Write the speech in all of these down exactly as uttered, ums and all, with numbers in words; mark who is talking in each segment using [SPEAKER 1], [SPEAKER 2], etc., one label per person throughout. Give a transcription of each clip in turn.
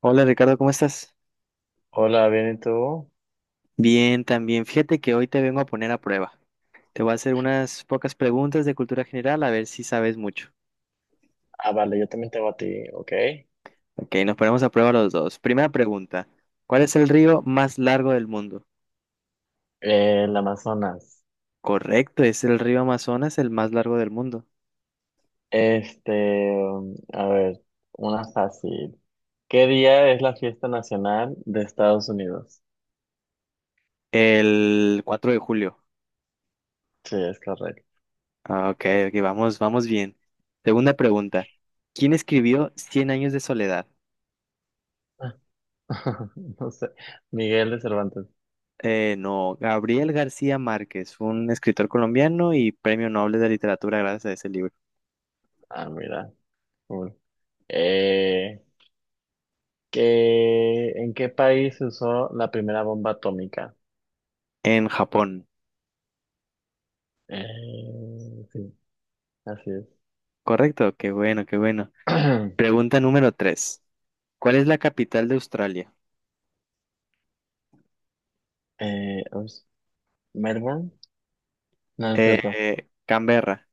[SPEAKER 1] Hola Ricardo, ¿cómo estás?
[SPEAKER 2] Hola, ¿bien y tú?
[SPEAKER 1] Bien, también. Fíjate que hoy te vengo a poner a prueba. Te voy a hacer unas pocas preguntas de cultura general a ver si sabes mucho.
[SPEAKER 2] Ah, vale, yo también te hago a ti, ok. Eh,
[SPEAKER 1] Ok, nos ponemos a prueba los dos. Primera pregunta, ¿cuál es el río más largo del mundo?
[SPEAKER 2] el Amazonas.
[SPEAKER 1] Correcto, es el río Amazonas, el más largo del mundo.
[SPEAKER 2] Este, um, a ver, una fácil. ¿Qué día es la fiesta nacional de Estados Unidos?
[SPEAKER 1] El cuatro de julio.
[SPEAKER 2] Sí, es correcto.
[SPEAKER 1] Ah, ok, ok, vamos, vamos bien. Segunda pregunta, ¿quién escribió Cien años de soledad?
[SPEAKER 2] No sé. Miguel de Cervantes.
[SPEAKER 1] Eh, no, Gabriel García Márquez, un escritor colombiano y premio Nobel de Literatura gracias a ese libro.
[SPEAKER 2] Ah, mira. Cool. Eh, ¿qué- en qué país se usó la primera bomba atómica?
[SPEAKER 1] En Japón.
[SPEAKER 2] Eh, sí, así es.
[SPEAKER 1] Correcto, qué bueno, qué bueno. Pregunta número tres. ¿Cuál es la capital de Australia?
[SPEAKER 2] Eh, ups, ¿Melbourne? No, es cierto.
[SPEAKER 1] Eh, Canberra.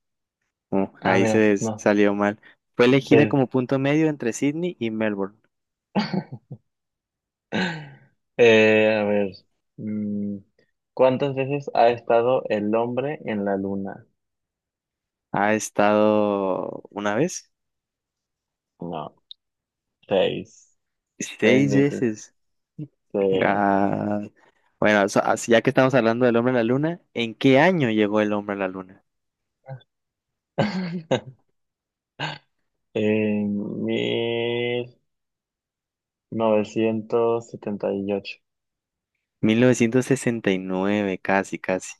[SPEAKER 1] Uh,
[SPEAKER 2] Ah,
[SPEAKER 1] ahí
[SPEAKER 2] mira,
[SPEAKER 1] se s-
[SPEAKER 2] no.
[SPEAKER 1] salió mal. Fue elegida
[SPEAKER 2] que
[SPEAKER 1] como punto medio entre Sydney y Melbourne.
[SPEAKER 2] Eh, a ver, mm, ¿cuántas veces ha estado el hombre en la luna?
[SPEAKER 1] Ha estado una vez,
[SPEAKER 2] No, seis, seis
[SPEAKER 1] seis
[SPEAKER 2] veces.
[SPEAKER 1] veces.
[SPEAKER 2] eh,
[SPEAKER 1] Ah, bueno, so- así ya que estamos hablando del hombre a la luna, ¿en qué año llegó el hombre a la luna?
[SPEAKER 2] En mil novecientos setenta y ocho.
[SPEAKER 1] Mil novecientos sesenta y nueve, casi, casi.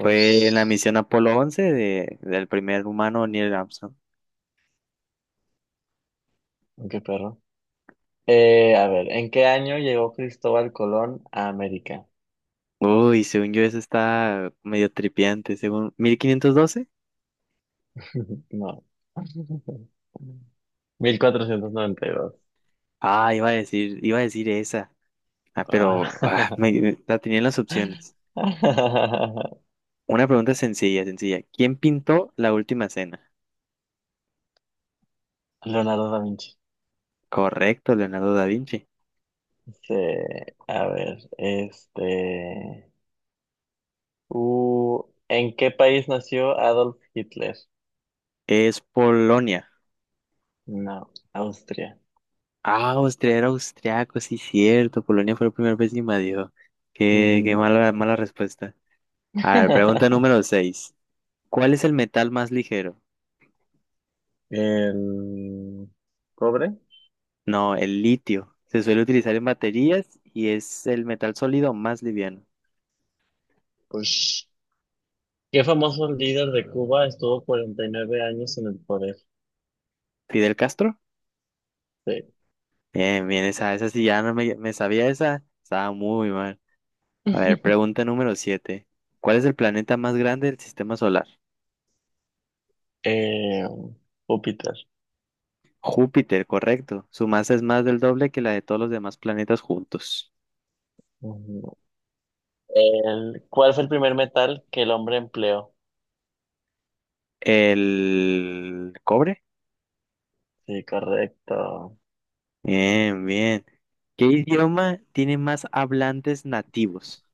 [SPEAKER 1] Fue en la misión Apolo once de, del primer humano Neil Armstrong.
[SPEAKER 2] qué perro. Eh, a ver, ¿en qué año llegó Cristóbal Colón a América?
[SPEAKER 1] Uy, según yo eso está medio tripiante, según mil quinientos doce.
[SPEAKER 2] No.
[SPEAKER 1] Ah, iba a decir, iba a decir esa. Ah, pero ah,
[SPEAKER 2] mil cuatrocientos noventa y dos.
[SPEAKER 1] me- la tenía en las opciones.
[SPEAKER 2] Ah.
[SPEAKER 1] Una pregunta sencilla, sencilla. ¿Quién pintó la última cena?
[SPEAKER 2] Leonardo da Vinci.
[SPEAKER 1] Correcto, Leonardo da Vinci.
[SPEAKER 2] Sí, a ver, este... Uh, ¿en qué país nació Adolf Hitler?
[SPEAKER 1] Es Polonia.
[SPEAKER 2] No, Austria.
[SPEAKER 1] Ah, Austria era austriaco, sí, cierto. Polonia fue la primera vez que invadió. Qué, qué
[SPEAKER 2] Ujú.
[SPEAKER 1] mala, mala respuesta. A ver, pregunta número seis. ¿Cuál es el metal más ligero?
[SPEAKER 2] El cobre.
[SPEAKER 1] No, el litio. Se suele utilizar en baterías y es el metal sólido más liviano.
[SPEAKER 2] Pues, ¿qué famoso líder de Cuba estuvo cuarenta y nueve años en el poder?
[SPEAKER 1] ¿Fidel Castro?
[SPEAKER 2] Sí.
[SPEAKER 1] Bien, bien, esa, esa sí ya no me, me sabía esa. Estaba muy mal. A ver, pregunta número siete. ¿Cuál es el planeta más grande del sistema solar?
[SPEAKER 2] Eh, Júpiter.
[SPEAKER 1] Júpiter, correcto. Su masa es más del doble que la de todos los demás planetas juntos.
[SPEAKER 2] Ujú. El, ¿cuál fue el primer metal que el hombre empleó?
[SPEAKER 1] ¿El cobre?
[SPEAKER 2] Sí, correcto.
[SPEAKER 1] Bien, bien. ¿Qué idioma tiene más hablantes nativos?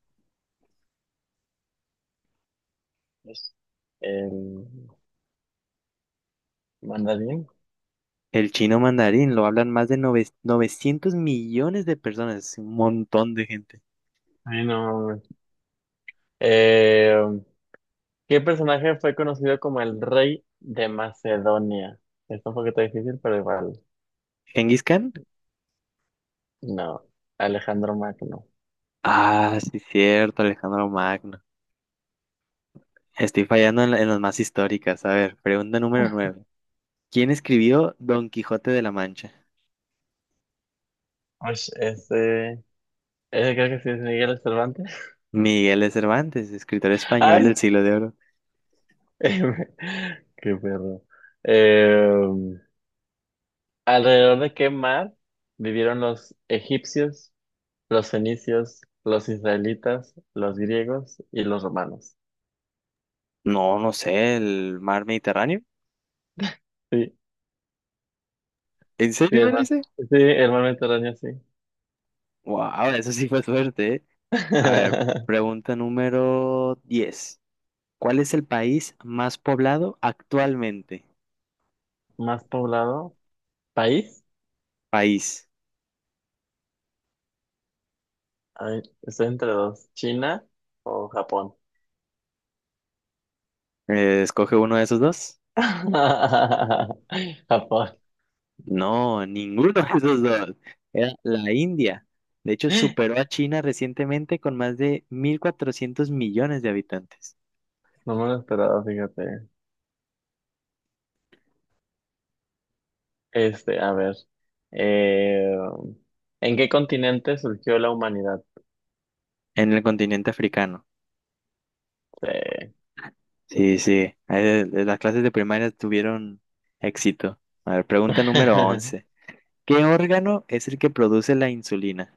[SPEAKER 2] Es el mandarín.
[SPEAKER 1] El chino mandarín lo hablan más de nove- novecientos millones de personas, es un montón de gente.
[SPEAKER 2] Ay, no. Eh, ¿Qué personaje fue conocido como el rey de Macedonia? Está un poquito difícil, pero igual.
[SPEAKER 1] ¿Genghis Khan?
[SPEAKER 2] No, Alejandro Magno.
[SPEAKER 1] Ah, sí, cierto, Alejandro Magno. Estoy fallando en, la- en las más históricas. A ver, pregunta número nueve. ¿Quién escribió Don Quijote de la Mancha?
[SPEAKER 2] Ay, ese, ese creo que sí es Miguel Cervantes.
[SPEAKER 1] Miguel de Cervantes, escritor español del
[SPEAKER 2] Ay,
[SPEAKER 1] siglo de oro.
[SPEAKER 2] qué perro. Eh, ¿Alrededor de qué mar vivieron los egipcios, los fenicios, los israelitas, los griegos y los romanos?
[SPEAKER 1] No, no sé, el mar Mediterráneo.
[SPEAKER 2] Sí,
[SPEAKER 1] ¿En
[SPEAKER 2] sí,
[SPEAKER 1] serio
[SPEAKER 2] el
[SPEAKER 1] era
[SPEAKER 2] mar,
[SPEAKER 1] ese?
[SPEAKER 2] sí, el mar Mediterráneo, sí.
[SPEAKER 1] Wow, eso sí fue suerte, ¿eh? A ver, pregunta número diez. ¿Cuál es el país más poblado actualmente?
[SPEAKER 2] Más poblado, país,
[SPEAKER 1] País.
[SPEAKER 2] a estoy entre dos, China o Japón.
[SPEAKER 1] Eh, escoge uno de esos dos.
[SPEAKER 2] Japón.
[SPEAKER 1] No, ninguno de esos dos. Era la India. De hecho, superó a China recientemente con más de 1.400 millones de habitantes.
[SPEAKER 2] No me lo esperaba, fíjate. Este, a ver. eh, ¿En qué continente surgió la humanidad?
[SPEAKER 1] En el continente africano.
[SPEAKER 2] Eh,
[SPEAKER 1] Sí, sí. Eh, eh, Las clases de primaria tuvieron éxito. A ver, pregunta número once. ¿Qué órgano es el que produce la insulina?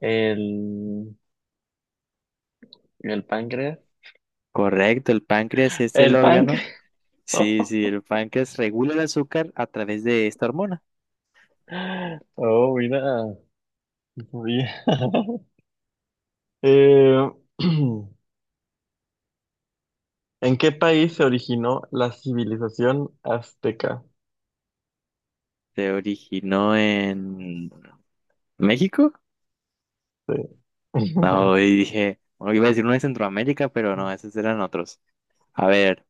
[SPEAKER 2] el, el páncreas.
[SPEAKER 1] Correcto, el páncreas es el
[SPEAKER 2] El
[SPEAKER 1] órgano.
[SPEAKER 2] páncreas.
[SPEAKER 1] Sí, sí, el páncreas regula el azúcar a través de esta hormona.
[SPEAKER 2] Oh, mira. Bien. Eh, ¿En qué país se originó la civilización azteca?
[SPEAKER 1] Se originó en México.
[SPEAKER 2] Sí.
[SPEAKER 1] No, y dije, bueno, iba a decir uno de Centroamérica, pero no, esos eran otros. A ver,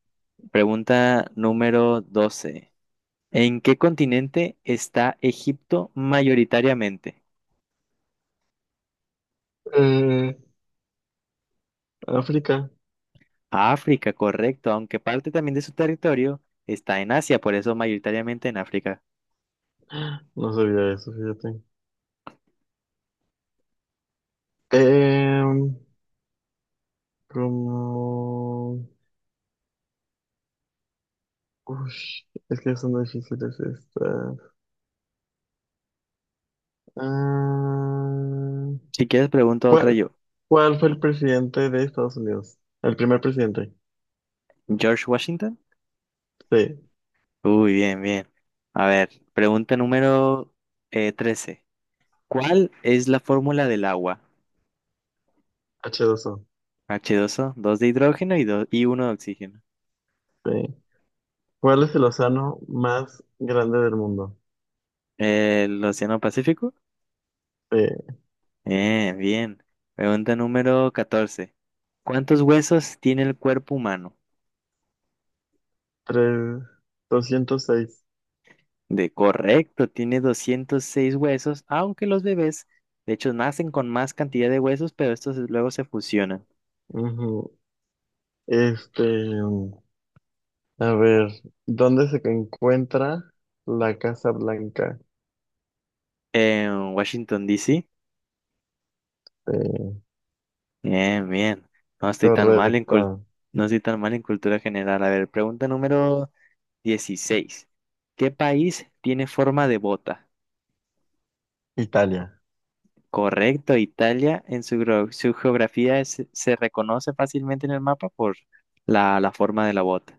[SPEAKER 1] pregunta número doce. ¿En qué continente está Egipto mayoritariamente?
[SPEAKER 2] Eh, África,
[SPEAKER 1] África, correcto, aunque parte también de su territorio está en Asia, por eso mayoritariamente en África.
[SPEAKER 2] no sabía eso, fíjate. Em, como... Ush, es que son difíciles estas. Ah,
[SPEAKER 1] Si quieres, pregunto otra
[SPEAKER 2] ¿cuál,
[SPEAKER 1] yo.
[SPEAKER 2] cuál fue el presidente de Estados Unidos? El primer presidente.
[SPEAKER 1] ¿George Washington?
[SPEAKER 2] Sí,
[SPEAKER 1] Uy, bien, bien. A ver, pregunta número eh, trece. ¿Cuál es la fórmula del agua?
[SPEAKER 2] h dos o.
[SPEAKER 1] H dos o dos de hidrógeno y, dos y uno de oxígeno.
[SPEAKER 2] Sí. ¿Cuál es el océano más grande del mundo?
[SPEAKER 1] ¿El Océano Pacífico?
[SPEAKER 2] Sí,
[SPEAKER 1] Eh, bien. Pregunta número catorce. ¿Cuántos huesos tiene el cuerpo humano?
[SPEAKER 2] tres- doscientos seis.
[SPEAKER 1] De correcto, tiene doscientos seis huesos, aunque los bebés, de hecho, nacen con más cantidad de huesos, pero estos luego se fusionan.
[SPEAKER 2] Ujú. Este... A ver, ¿dónde se encuentra la Casa Blanca?
[SPEAKER 1] En Washington, D. C.
[SPEAKER 2] Eh,
[SPEAKER 1] Bien, bien. No estoy tan mal en cul-
[SPEAKER 2] Correcto,
[SPEAKER 1] No estoy tan mal en cultura general. A ver, pregunta número dieciséis. ¿Qué país tiene forma de bota?
[SPEAKER 2] Italia.
[SPEAKER 1] Correcto, Italia. En su, gro- su geografía es- se reconoce fácilmente en el mapa por la, la forma de la bota.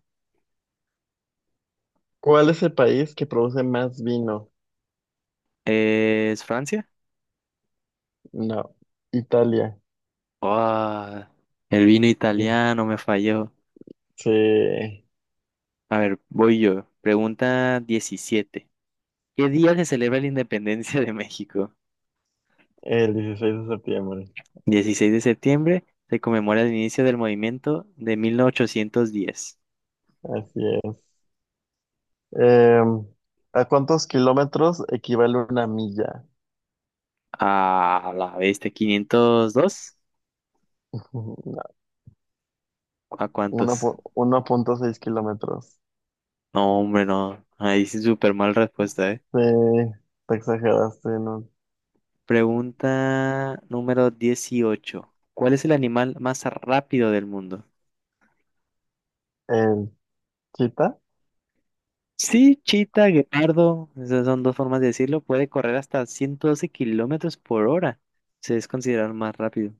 [SPEAKER 2] ¿Cuál es el país que produce más vino?
[SPEAKER 1] ¿Es Francia?
[SPEAKER 2] No, Italia.
[SPEAKER 1] Ah, el vino
[SPEAKER 2] Sí,
[SPEAKER 1] italiano me falló.
[SPEAKER 2] sí, el
[SPEAKER 1] A ver, voy yo. Pregunta diecisiete. ¿Qué día se celebra la independencia de México?
[SPEAKER 2] dieciséis de septiembre.
[SPEAKER 1] dieciséis de septiembre se conmemora el inicio del movimiento de mil ochocientos diez.
[SPEAKER 2] Así es. Em, ¿A cuántos kilómetros equivale una milla?
[SPEAKER 1] A la bestia, quinientos dos. ¿A
[SPEAKER 2] Ujú, no,
[SPEAKER 1] cuántos?
[SPEAKER 2] uno punto seis kilómetros.
[SPEAKER 1] No, hombre, no. Ahí sí súper mal respuesta, ¿eh?
[SPEAKER 2] Sí, te exageraste, ¿no?
[SPEAKER 1] Pregunta número dieciocho. ¿Cuál es el animal más rápido del mundo?
[SPEAKER 2] El chita.
[SPEAKER 1] Sí, chita, guepardo. Esas son dos formas de decirlo. Puede correr hasta ciento doce kilómetros por hora. Se es considerado el más rápido.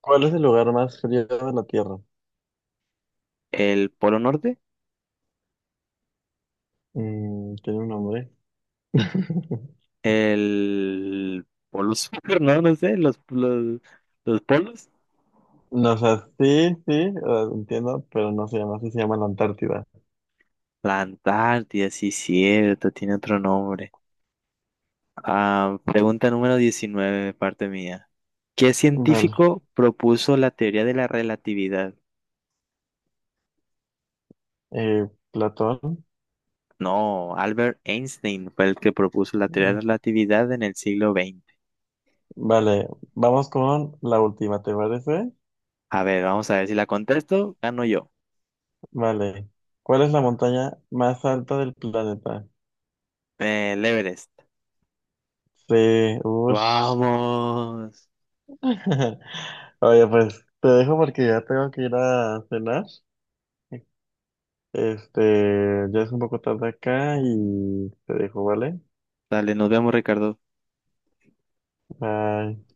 [SPEAKER 2] ¿Cuál es el lugar más frío de la Tierra?
[SPEAKER 1] ¿El Polo Norte?
[SPEAKER 2] Mm, tiene un nombre.
[SPEAKER 1] El polo sur, no, no sé, los, los, los polos.
[SPEAKER 2] No, o sea, sí, sí, o sea, entiendo, pero no se llama así, se llama la Antártida.
[SPEAKER 1] La Antártida, sí, cierto, tiene otro nombre. Ah, pregunta número diecinueve parte mía. ¿Qué
[SPEAKER 2] Vale,
[SPEAKER 1] científico propuso la teoría de la relatividad?
[SPEAKER 2] eh, Platón.
[SPEAKER 1] No, Albert Einstein fue el que propuso la teoría de
[SPEAKER 2] Mm,
[SPEAKER 1] la relatividad en el siglo veinte.
[SPEAKER 2] Vale, vamos con la última, ¿te parece?
[SPEAKER 1] A ver, vamos a ver si la contesto, gano yo.
[SPEAKER 2] Vale, ¿cuál es la montaña más alta del planeta?
[SPEAKER 1] Eh, el Everest.
[SPEAKER 2] Sí, ush.
[SPEAKER 1] Vamos.
[SPEAKER 2] Oye, pues te dejo porque ya tengo que ir a cenar. Este, ya es un poco tarde acá y te dejo, ¿vale?
[SPEAKER 1] Dale, nos vemos, Ricardo.
[SPEAKER 2] Bye.